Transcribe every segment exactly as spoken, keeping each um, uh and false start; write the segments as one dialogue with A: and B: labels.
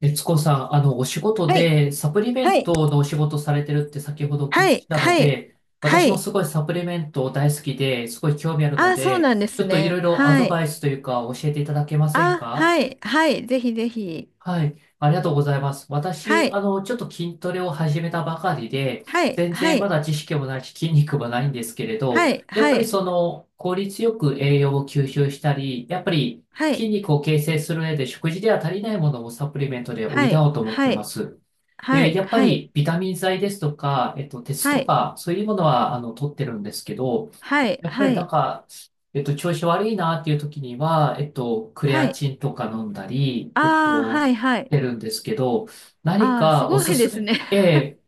A: 悦子さん、あの、お仕事
B: はい、
A: でサプリメ
B: は
A: ン
B: い。
A: トのお仕事されてるって先ほどお聞
B: は
A: きし
B: い。
A: たの
B: はい、
A: で、
B: は
A: 私も
B: い。
A: すごいサプリメント大好きで、すごい興味ある
B: あ
A: の
B: あ、そう
A: で、
B: なんで
A: ちょ
B: す
A: っとい
B: ね。
A: ろいろア
B: は
A: ド
B: い。
A: バイスというか教えていただけません
B: あ、
A: か？
B: はい、はい。ぜひぜひ。
A: はい、ありがとうございます。
B: は
A: 私、
B: い、
A: あの、ちょっと筋トレを始めたばかりで、
B: はい、
A: 全
B: は
A: 然ま
B: い、
A: だ知識もないし、筋肉もないんですけれど、
B: はい、
A: やっ
B: は
A: ぱり
B: い、
A: その、効率よく栄養を吸収したり、やっぱり
B: は
A: 筋
B: い、
A: 肉を形成する上で食事では足りないものをサプリメントで補
B: はい、
A: おうと思って
B: は
A: ま
B: い、
A: す。
B: は
A: で、やっぱ
B: い、
A: りビタミン剤ですとか、えっと、鉄
B: はい、
A: と
B: はい、
A: か、そういうものは、あの、取ってるんですけど、
B: はい、
A: やっぱ
B: は
A: りなん
B: い、
A: か、えっと、調子悪いなっていう時には、えっと、クレ
B: は
A: ア
B: い。
A: チンとか飲んだり、えっ
B: ああ、
A: と、
B: はい、は
A: し
B: い。
A: てるんですけど、何
B: ああ、す
A: かお
B: ご
A: す
B: いで
A: す
B: す
A: め、
B: ね。
A: ええ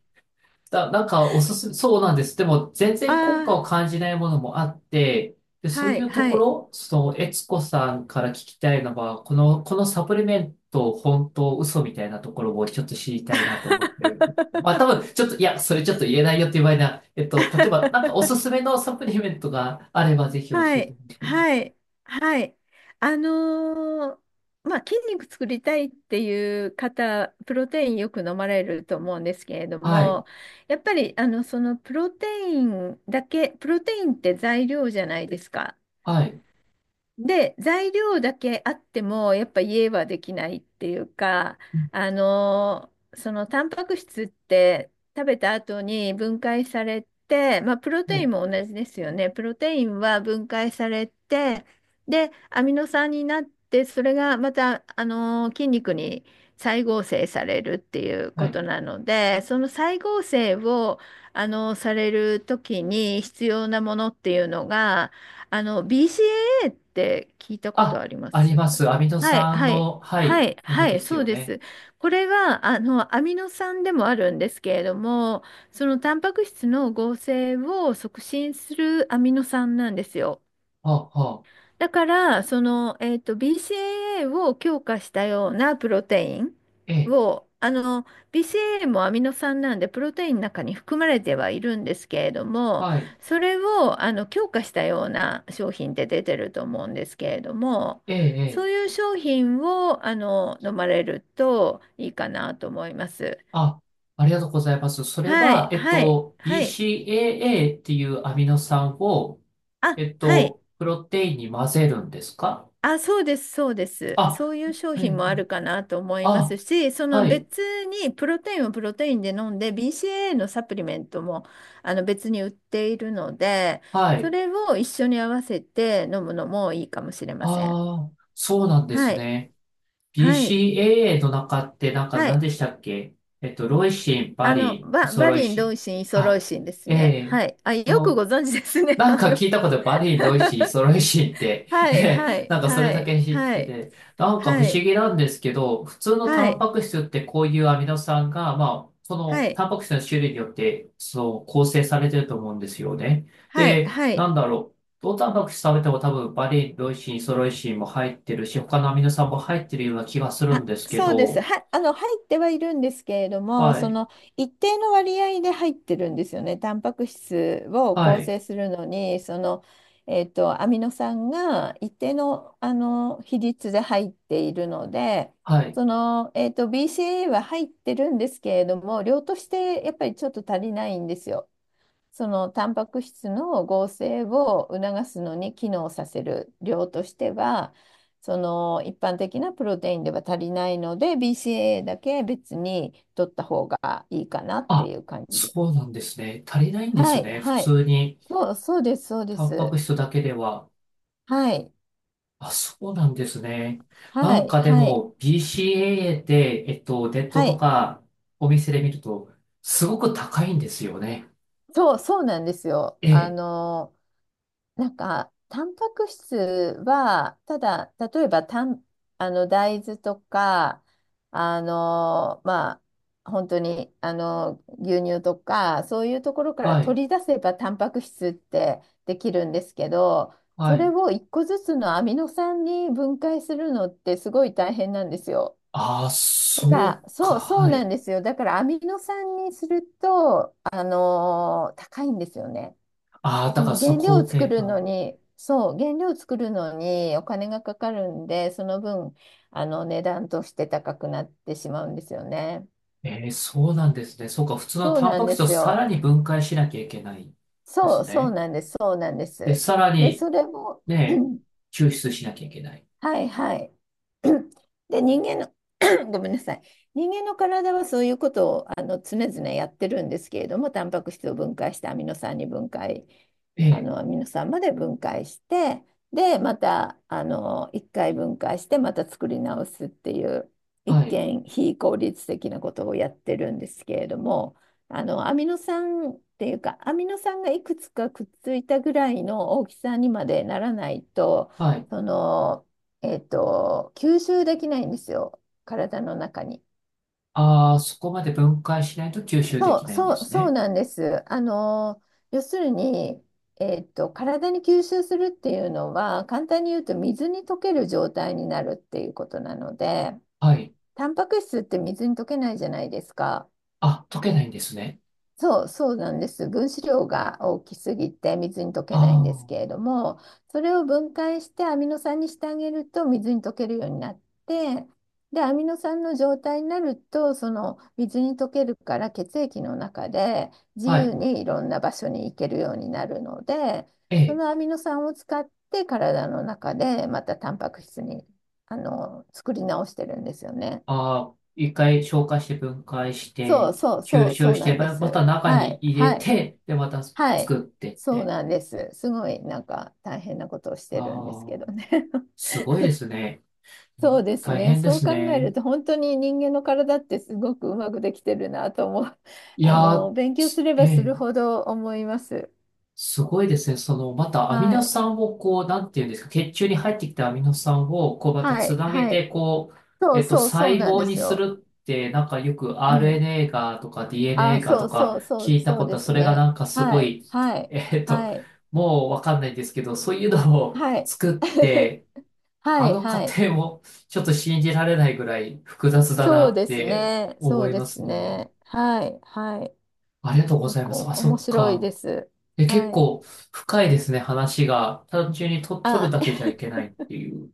A: だ、なんかおすすめ、そうなんです。でも全
B: あ
A: 然効
B: あ、
A: 果を感じないものもあって、で、そう
B: は
A: い
B: い、
A: うと
B: は
A: こ
B: い。
A: ろ、その、悦子さんから聞きたいのは、この、このサプリメント、本当、嘘みたいなところをちょっと知りたいなと思ってる。まあ、多分、ちょっと、いや、それちょっと言えないよっていう場合な、えっと、例えば、なんかおすすめのサプリメントがあれば、ぜひ教
B: は
A: えて
B: い、
A: ほしい。
B: はい、はい。あのーまあ、筋肉作りたいっていう方、プロテインよく飲まれると思うんですけれど
A: はい、
B: も、やっぱり、あの、そのプロテインだけ、プロテインって材料じゃないですか。
A: はい、
B: で、材料だけあっても、やっぱ家はできないっていうか、
A: うん。
B: あのそのタンパク質って食べた後に分解されて、まあ、プロ
A: は
B: テイ
A: い、
B: ンも同じですよね。プロテインは分解されて、で、アミノ酸になって、それがまた、あの筋肉に再合成されるっていう
A: は
B: こ
A: い。
B: となので、その再合成を、あのされる時に必要なものっていうのが、あの b c a ーって聞いたこと
A: あ、
B: ありま
A: あり
B: す。
A: ます。アミノ
B: はい、
A: 酸
B: はい、
A: の、は
B: は
A: い、
B: い、
A: もの
B: は
A: で
B: い、
A: す
B: そう
A: よ
B: で
A: ね。
B: す。これは、あの、アミノ酸でもあるんですけれども、そのタンパク質の合成を促進するアミノ酸なんですよ。
A: はあ、はあ、
B: だから、その、えっと、ビーシーエーエー を強化したようなプロテイン
A: ええ。
B: を、あの、ビーシーエーエー もアミノ酸なんで、プロテインの中に含まれてはいるんですけれども、
A: はい。
B: それを、あの、強化したような商品って出てると思うんですけれども、
A: ええ、え
B: そう
A: え。
B: いう商品を、あの、飲まれるといいかなと思います。
A: あ、ありがとうございます。それ
B: は
A: は、
B: い、
A: えっ
B: はい、
A: と、
B: はい。
A: ビーシーエーエー っていうアミノ酸を、
B: あ、
A: えっ
B: はい。
A: と、プロテインに混ぜるんですか？
B: あ、そうです、そうです。
A: あ、
B: そういう商
A: は
B: 品
A: い、
B: もあるかなと思いま
A: あ、
B: すし、その
A: はい、
B: 別にプロテインをプロテインで飲んで、ビーシーエーエー のサプリメントもあの別に売っているので、
A: は
B: そ
A: い。
B: れを一緒に合わせて飲むのもいいかもしれません。
A: ああ、そうなんで
B: は
A: す
B: い。
A: ね。
B: はい。
A: ビーシーエーエー の中って、なんか
B: は
A: 何
B: い。
A: でしたっけ？えっと、ロイシン、バ
B: あの、
A: リン、イ
B: バ、
A: ソ
B: バ
A: ロイ
B: リン、
A: シ
B: ロ
A: ン。
B: イシン、イソロ
A: あ、
B: イシンです
A: え
B: ね。
A: え、
B: はい。あ、
A: こ
B: よく
A: の
B: ご存知ですね。
A: なん
B: あ
A: か
B: の、
A: 聞いたことバリー、ドイシー、ソロイシーって、
B: はい、は い、
A: なんかそれ
B: は
A: だ
B: い、
A: け知っ
B: は
A: て
B: い、
A: て、なんか不
B: は
A: 思
B: い、
A: 議なんですけど、普通の
B: は
A: タン
B: い、
A: パク質ってこういうアミノ酸が、まあ、そ
B: は
A: の
B: い、
A: タンパク質の種類によって、そう、構成されてると思うんですよね。
B: はい、
A: で、
B: はい。は
A: な
B: い。
A: んだろう。どのタンパク質食べても多分バリー、ドイシー、ソロイシーも入ってるし、他のアミノ酸も入ってるような気がするん
B: あ、
A: ですけ
B: そうです。
A: ど、
B: は、あの、入ってはいるんですけれども、
A: は
B: そ
A: い、
B: の一定の割合で入ってるんですよね。タンパク質を
A: は
B: 構
A: い、
B: 成するのに、その、えっと、アミノ酸が一定の、あの比率で入っているので、
A: はい。
B: その、えっと、ビーシーエー は入ってるんですけれども、量としてやっぱりちょっと足りないんですよ。そのタンパク質の合成を促すのに機能させる量としては、その一般的なプロテインでは足りないので、b c a だけ別に取った方がいいかなって
A: あ、
B: いう感じで。
A: そうなんですね。足りないんで
B: は
A: す
B: い、
A: ね。普
B: はい。
A: 通に、
B: そう、そうです、そうで
A: タンパ
B: す。
A: ク質だけでは。
B: はい、
A: あ、そうなんですね。な
B: は
A: ん
B: い、
A: かで
B: はい、
A: も ビーシーエーエー で、えっと、ネット
B: は
A: と
B: い。
A: かお店で見ると、すごく高いんですよね。
B: そう、そうなんですよ。
A: え
B: あ
A: え、
B: の、なんか、タンパク質は、ただ、例えばたん、あの、大豆とか、あの、まあ、本当に、あの、牛乳とか、そういうところから
A: はい、
B: 取り出せばタンパク質ってできるんですけど、
A: は
B: それ
A: い。
B: を一個ずつのアミノ酸に分解するのってすごい大変なんですよ。
A: ああ、
B: だから、
A: そうか、
B: そう、そう
A: は
B: な
A: い。
B: んですよ。だから、アミノ酸にすると、あの、高いんですよね。
A: ああ、
B: そ
A: だから
B: の
A: そ
B: 原
A: の
B: 料
A: 工
B: を作
A: 程
B: るの
A: が。
B: に、そう、原料を作るのにお金がかかるんで、その分、あの値段として高くなってしまうんですよね。
A: ええ、そうなんですね。そうか、普通の
B: そう
A: タン
B: な
A: パ
B: ん
A: ク
B: で
A: 質を
B: す
A: さら
B: よ。
A: に分解しなきゃいけないで
B: そ
A: す
B: う、そう
A: ね。
B: なんです。そうなんで
A: で、
B: す。
A: さら
B: で、
A: に、
B: それも
A: ね、抽出しなきゃいけない。
B: はい、はい。で、人間の ごめんなさい。人間の体はそういうことをあの常々やってるんですけれども、タンパク質を分解してアミノ酸に分解、
A: え
B: あ
A: え、
B: のアミノ酸まで分解して、で、またあのいっかい解して、また作り直すっていう、一
A: はい、
B: 見非効率的なことをやってるんですけれども、あのアミノ酸っていうか、アミノ酸がいくつかくっついたぐらいの大きさにまでならないと、
A: はい。
B: その、えっと、吸収できないんですよ、体の中に。
A: ああ、そこまで分解しないと吸収で
B: そ
A: き
B: う、
A: ないんで
B: そう、
A: す
B: そう
A: ね。
B: なんです。あの、要するに、えっと、体に吸収するっていうのは、簡単に言うと水に溶ける状態になるっていうことなので、
A: はい。
B: タンパク質って水に溶けないじゃないですか。
A: あ、溶けないんですね。
B: そう、そうなんです。分子量が大きすぎて水に溶けないんです
A: あ
B: けれども、それを分解してアミノ酸にしてあげると水に溶けるようになって、で、アミノ酸の状態になると、その水に溶けるから血液の中で自
A: あ、は
B: 由
A: い。
B: にいろんな場所に行けるようになるので、
A: え
B: そ
A: え。
B: のアミノ酸を使って体の中でまたタンパク質に、あの、作り直してるんですよね。
A: ああ、一回消化して分解し
B: そ
A: て、
B: う、そう、そ
A: 吸
B: う、
A: 収
B: そう
A: し
B: な
A: て、
B: んで
A: まま
B: す。
A: た中
B: は
A: に
B: い、
A: 入れ
B: はい。
A: て、で、また
B: はい、
A: 作ってっ
B: そう
A: て。
B: なんです。すごいなんか大変なことをしてるんですけ
A: ああ、
B: どね。
A: すごいですね。
B: そうです
A: 大
B: ね。
A: 変で
B: そう
A: す
B: 考える
A: ね。
B: と本当に人間の体ってすごくうまくできてるなと思う。
A: い
B: あ
A: やー、
B: の、勉強す
A: す
B: れ
A: え
B: ばする
A: え。
B: ほど思います。
A: すごいですね。その、またアミ
B: は
A: ノ
B: い。
A: 酸をこう、なんていうんですか、血中に入ってきたアミノ酸を、こう、また
B: は
A: つ
B: い。
A: なげ
B: は
A: て、
B: い。
A: こう、
B: そ
A: え
B: う、
A: っと、
B: そう、そう
A: 細
B: なん
A: 胞
B: で
A: に
B: す
A: す
B: よ。
A: るって、なんかよく
B: うん。
A: アールエヌエー がとか ディーエヌエー
B: あ、
A: が
B: そ
A: と
B: う、そ
A: か
B: う、そう、
A: 聞いた
B: そう
A: こと
B: で
A: は、
B: す
A: それがな
B: ね。
A: んかす
B: は
A: ご
B: い。
A: い、
B: はい。
A: えっと、
B: はい。
A: もうわかんないんですけど、そういうのを
B: はい。
A: 作っ て、あ
B: はい。
A: の過
B: はい。
A: 程もちょっと信じられないぐらい複雑だな
B: そう
A: っ
B: です
A: て
B: ね。そ
A: 思
B: う
A: い
B: で
A: ま
B: す
A: すね。
B: ね。はい。はい。
A: ありがとうご
B: 結
A: ざいま
B: 構
A: す。あ、そ
B: 面
A: っ
B: 白い
A: か。
B: です。
A: え、結
B: はい。
A: 構深いですね、話が。単純にと、取る
B: あ、
A: だけじ ゃいけないっていう。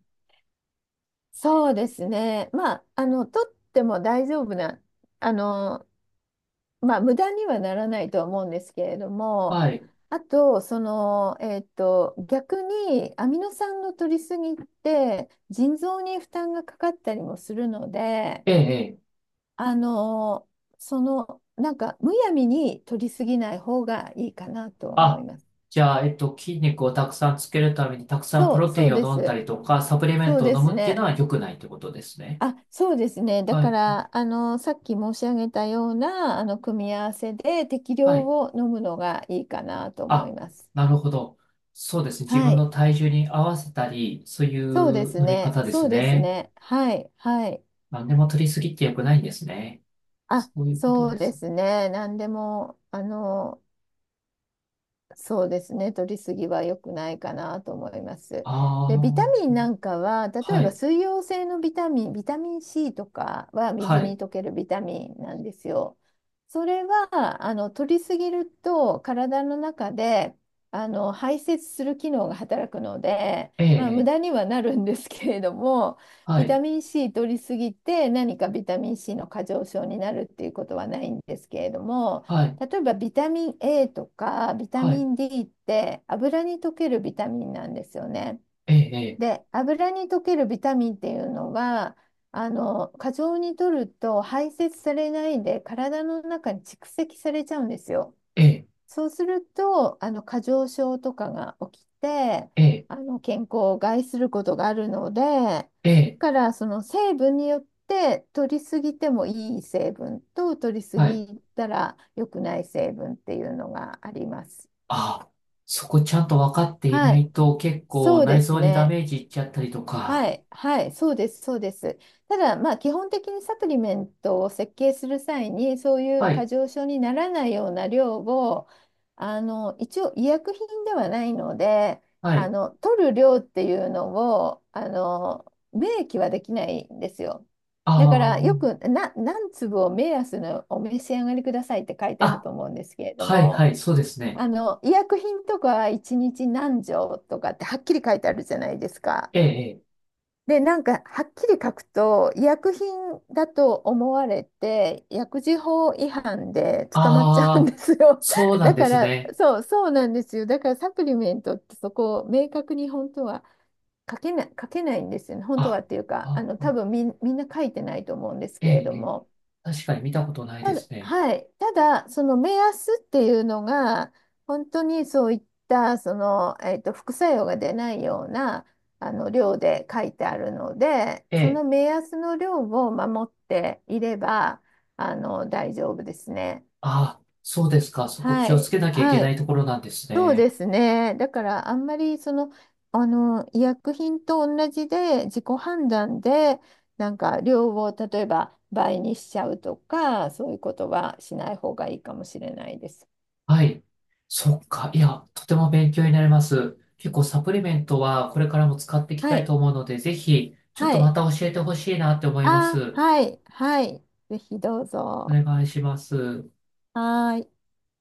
B: そうですね。まあ、あの、取っても大丈夫な、あの、まあ、無駄にはならないとは思うんですけれども、
A: はい。
B: あと、その、えっと、逆にアミノ酸の取りすぎって、腎臓に負担がかかったりもするので、
A: ええ、ええ。
B: あの、その、なんか、むやみに取りすぎない方がいいかなとは思い
A: あ、
B: ます。
A: じゃあ、えっと、筋肉をたくさんつけるためにたくさんプ
B: そう、
A: ロテ
B: そ
A: イ
B: う
A: ン
B: で
A: を飲んだ
B: す。
A: りとか、サプリメン
B: そう
A: トを
B: で
A: 飲
B: す
A: むっていうの
B: ね。
A: は良くないってことですね。
B: あ、そうですね。だ
A: は
B: か
A: い。
B: ら、あの、さっき申し上げたような、あの、組み合わせで適
A: は
B: 量
A: い。
B: を飲むのがいいかなと思い
A: あ、
B: ます。
A: なるほど。そうですね。自
B: は
A: 分
B: い。
A: の体重に合わせたり、そうい
B: そうで
A: う
B: す
A: 飲み
B: ね。
A: 方で
B: そ
A: す
B: うです
A: ね。
B: ね。はい。はい。
A: 何でも取りすぎって良くないんですね。そ
B: あ、
A: ういうこと
B: そ
A: で
B: うで
A: すね。
B: すね。何でも、あの、そうですね。取りすぎは良くないかなと思います。で、ビタ
A: あ
B: ミ
A: あ、
B: ンなんかは、例え
A: は
B: ば
A: い。
B: 水溶性のビタミン、ビタミン C とかは
A: は
B: 水に
A: い。
B: 溶けるビタミンなんですよ。それは、あの、取りすぎると体の中で、あの、排泄する機能が働くので、
A: ええ、
B: まあ、
A: え
B: 無駄
A: え。
B: にはなるんですけれども、
A: は
B: ビ
A: い。
B: タミン C 取りすぎて何かビタミン C の過剰症になるっていうことはないんですけれども、
A: はい。
B: 例えばビタミン A とかビタ
A: は
B: ミ
A: い。
B: ン D って油に溶けるビタミンなんですよね。
A: ええ、
B: で、油に溶けるビタミンっていうのは、あの、過剰に摂ると排泄されないで体の中に蓄積されちゃうんですよ。
A: ええ、
B: そうすると、あの過剰症とかが起きて、
A: ええ、
B: あの健康を害することがあるので、だ
A: ええ、
B: からその成分によって取りすぎてもいい成分と取りす
A: はい。
B: ぎたら良くない成分っていうのがあります。
A: あ、そこちゃんと分かってい
B: は
A: な
B: い、
A: いと結構
B: そうで
A: 内
B: す
A: 臓にダ
B: ね。
A: メージいっちゃったりと
B: は
A: か。
B: い、はい、そうです、そうです。ただ、まあ、基本的にサプリメントを設計する際に、そういう
A: は
B: 過
A: い、
B: 剰症にならないような量を、あの、一応医薬品ではないので、
A: は
B: あ
A: い。
B: の、取る量っていうのを、あの、明記はできないんですよ。だから、よ
A: あ
B: く、な、何粒を目安のお召し上がりくださいって書いて
A: あ、
B: あると
A: あ、
B: 思うんですけれど
A: はい、は
B: も、
A: い、そうですね。
B: あの、医薬品とかはいちにち何錠とかってはっきり書いてあるじゃないですか。
A: ええ、ええ、
B: で、なんか、はっきり書くと、医薬品だと思われて、薬事法違反で捕まっちゃうん
A: ああ、
B: ですよ。
A: そう なん
B: だ
A: で
B: か
A: す
B: ら、
A: ね。
B: そう、そうなんですよ。だから、サプリメントってそこを明確に本当は書けない、書けないんですよね。本当
A: あ、
B: はっていうか、あ
A: あ、
B: の、多
A: あ、
B: 分みみんな書いてないと思うんです
A: え
B: けれ
A: え、
B: ど
A: ええ、
B: も。
A: 確かに見たことないで
B: ただ、
A: すね。
B: はい。ただ、その目安っていうのが、本当にそういった、その、えっと、副作用が出ないような、あの、量で書いてあるので、
A: え
B: そ
A: え、
B: の目安の量を守っていれば、あの、大丈夫ですね。
A: ああ、そうですか。そこ
B: は
A: 気をつ
B: い。
A: けなきゃいけ
B: は
A: ない
B: い。
A: ところなんです
B: そう
A: ね。
B: ですね。だからあんまりその、あの医薬品と同じで自己判断でなんか量を例えば倍にしちゃうとかそういうことはしない方がいいかもしれないです。
A: はい。そっか。いや、とても勉強になります。結構サプリメントはこれからも使っていき
B: は
A: たい
B: い。
A: と思うので、ぜひ、ちょっ
B: は
A: とま
B: い。
A: た教えてほしいなって思いま
B: あ、
A: す。
B: はい。はい。ぜひどう
A: お
B: ぞ。
A: 願いします。
B: はーい。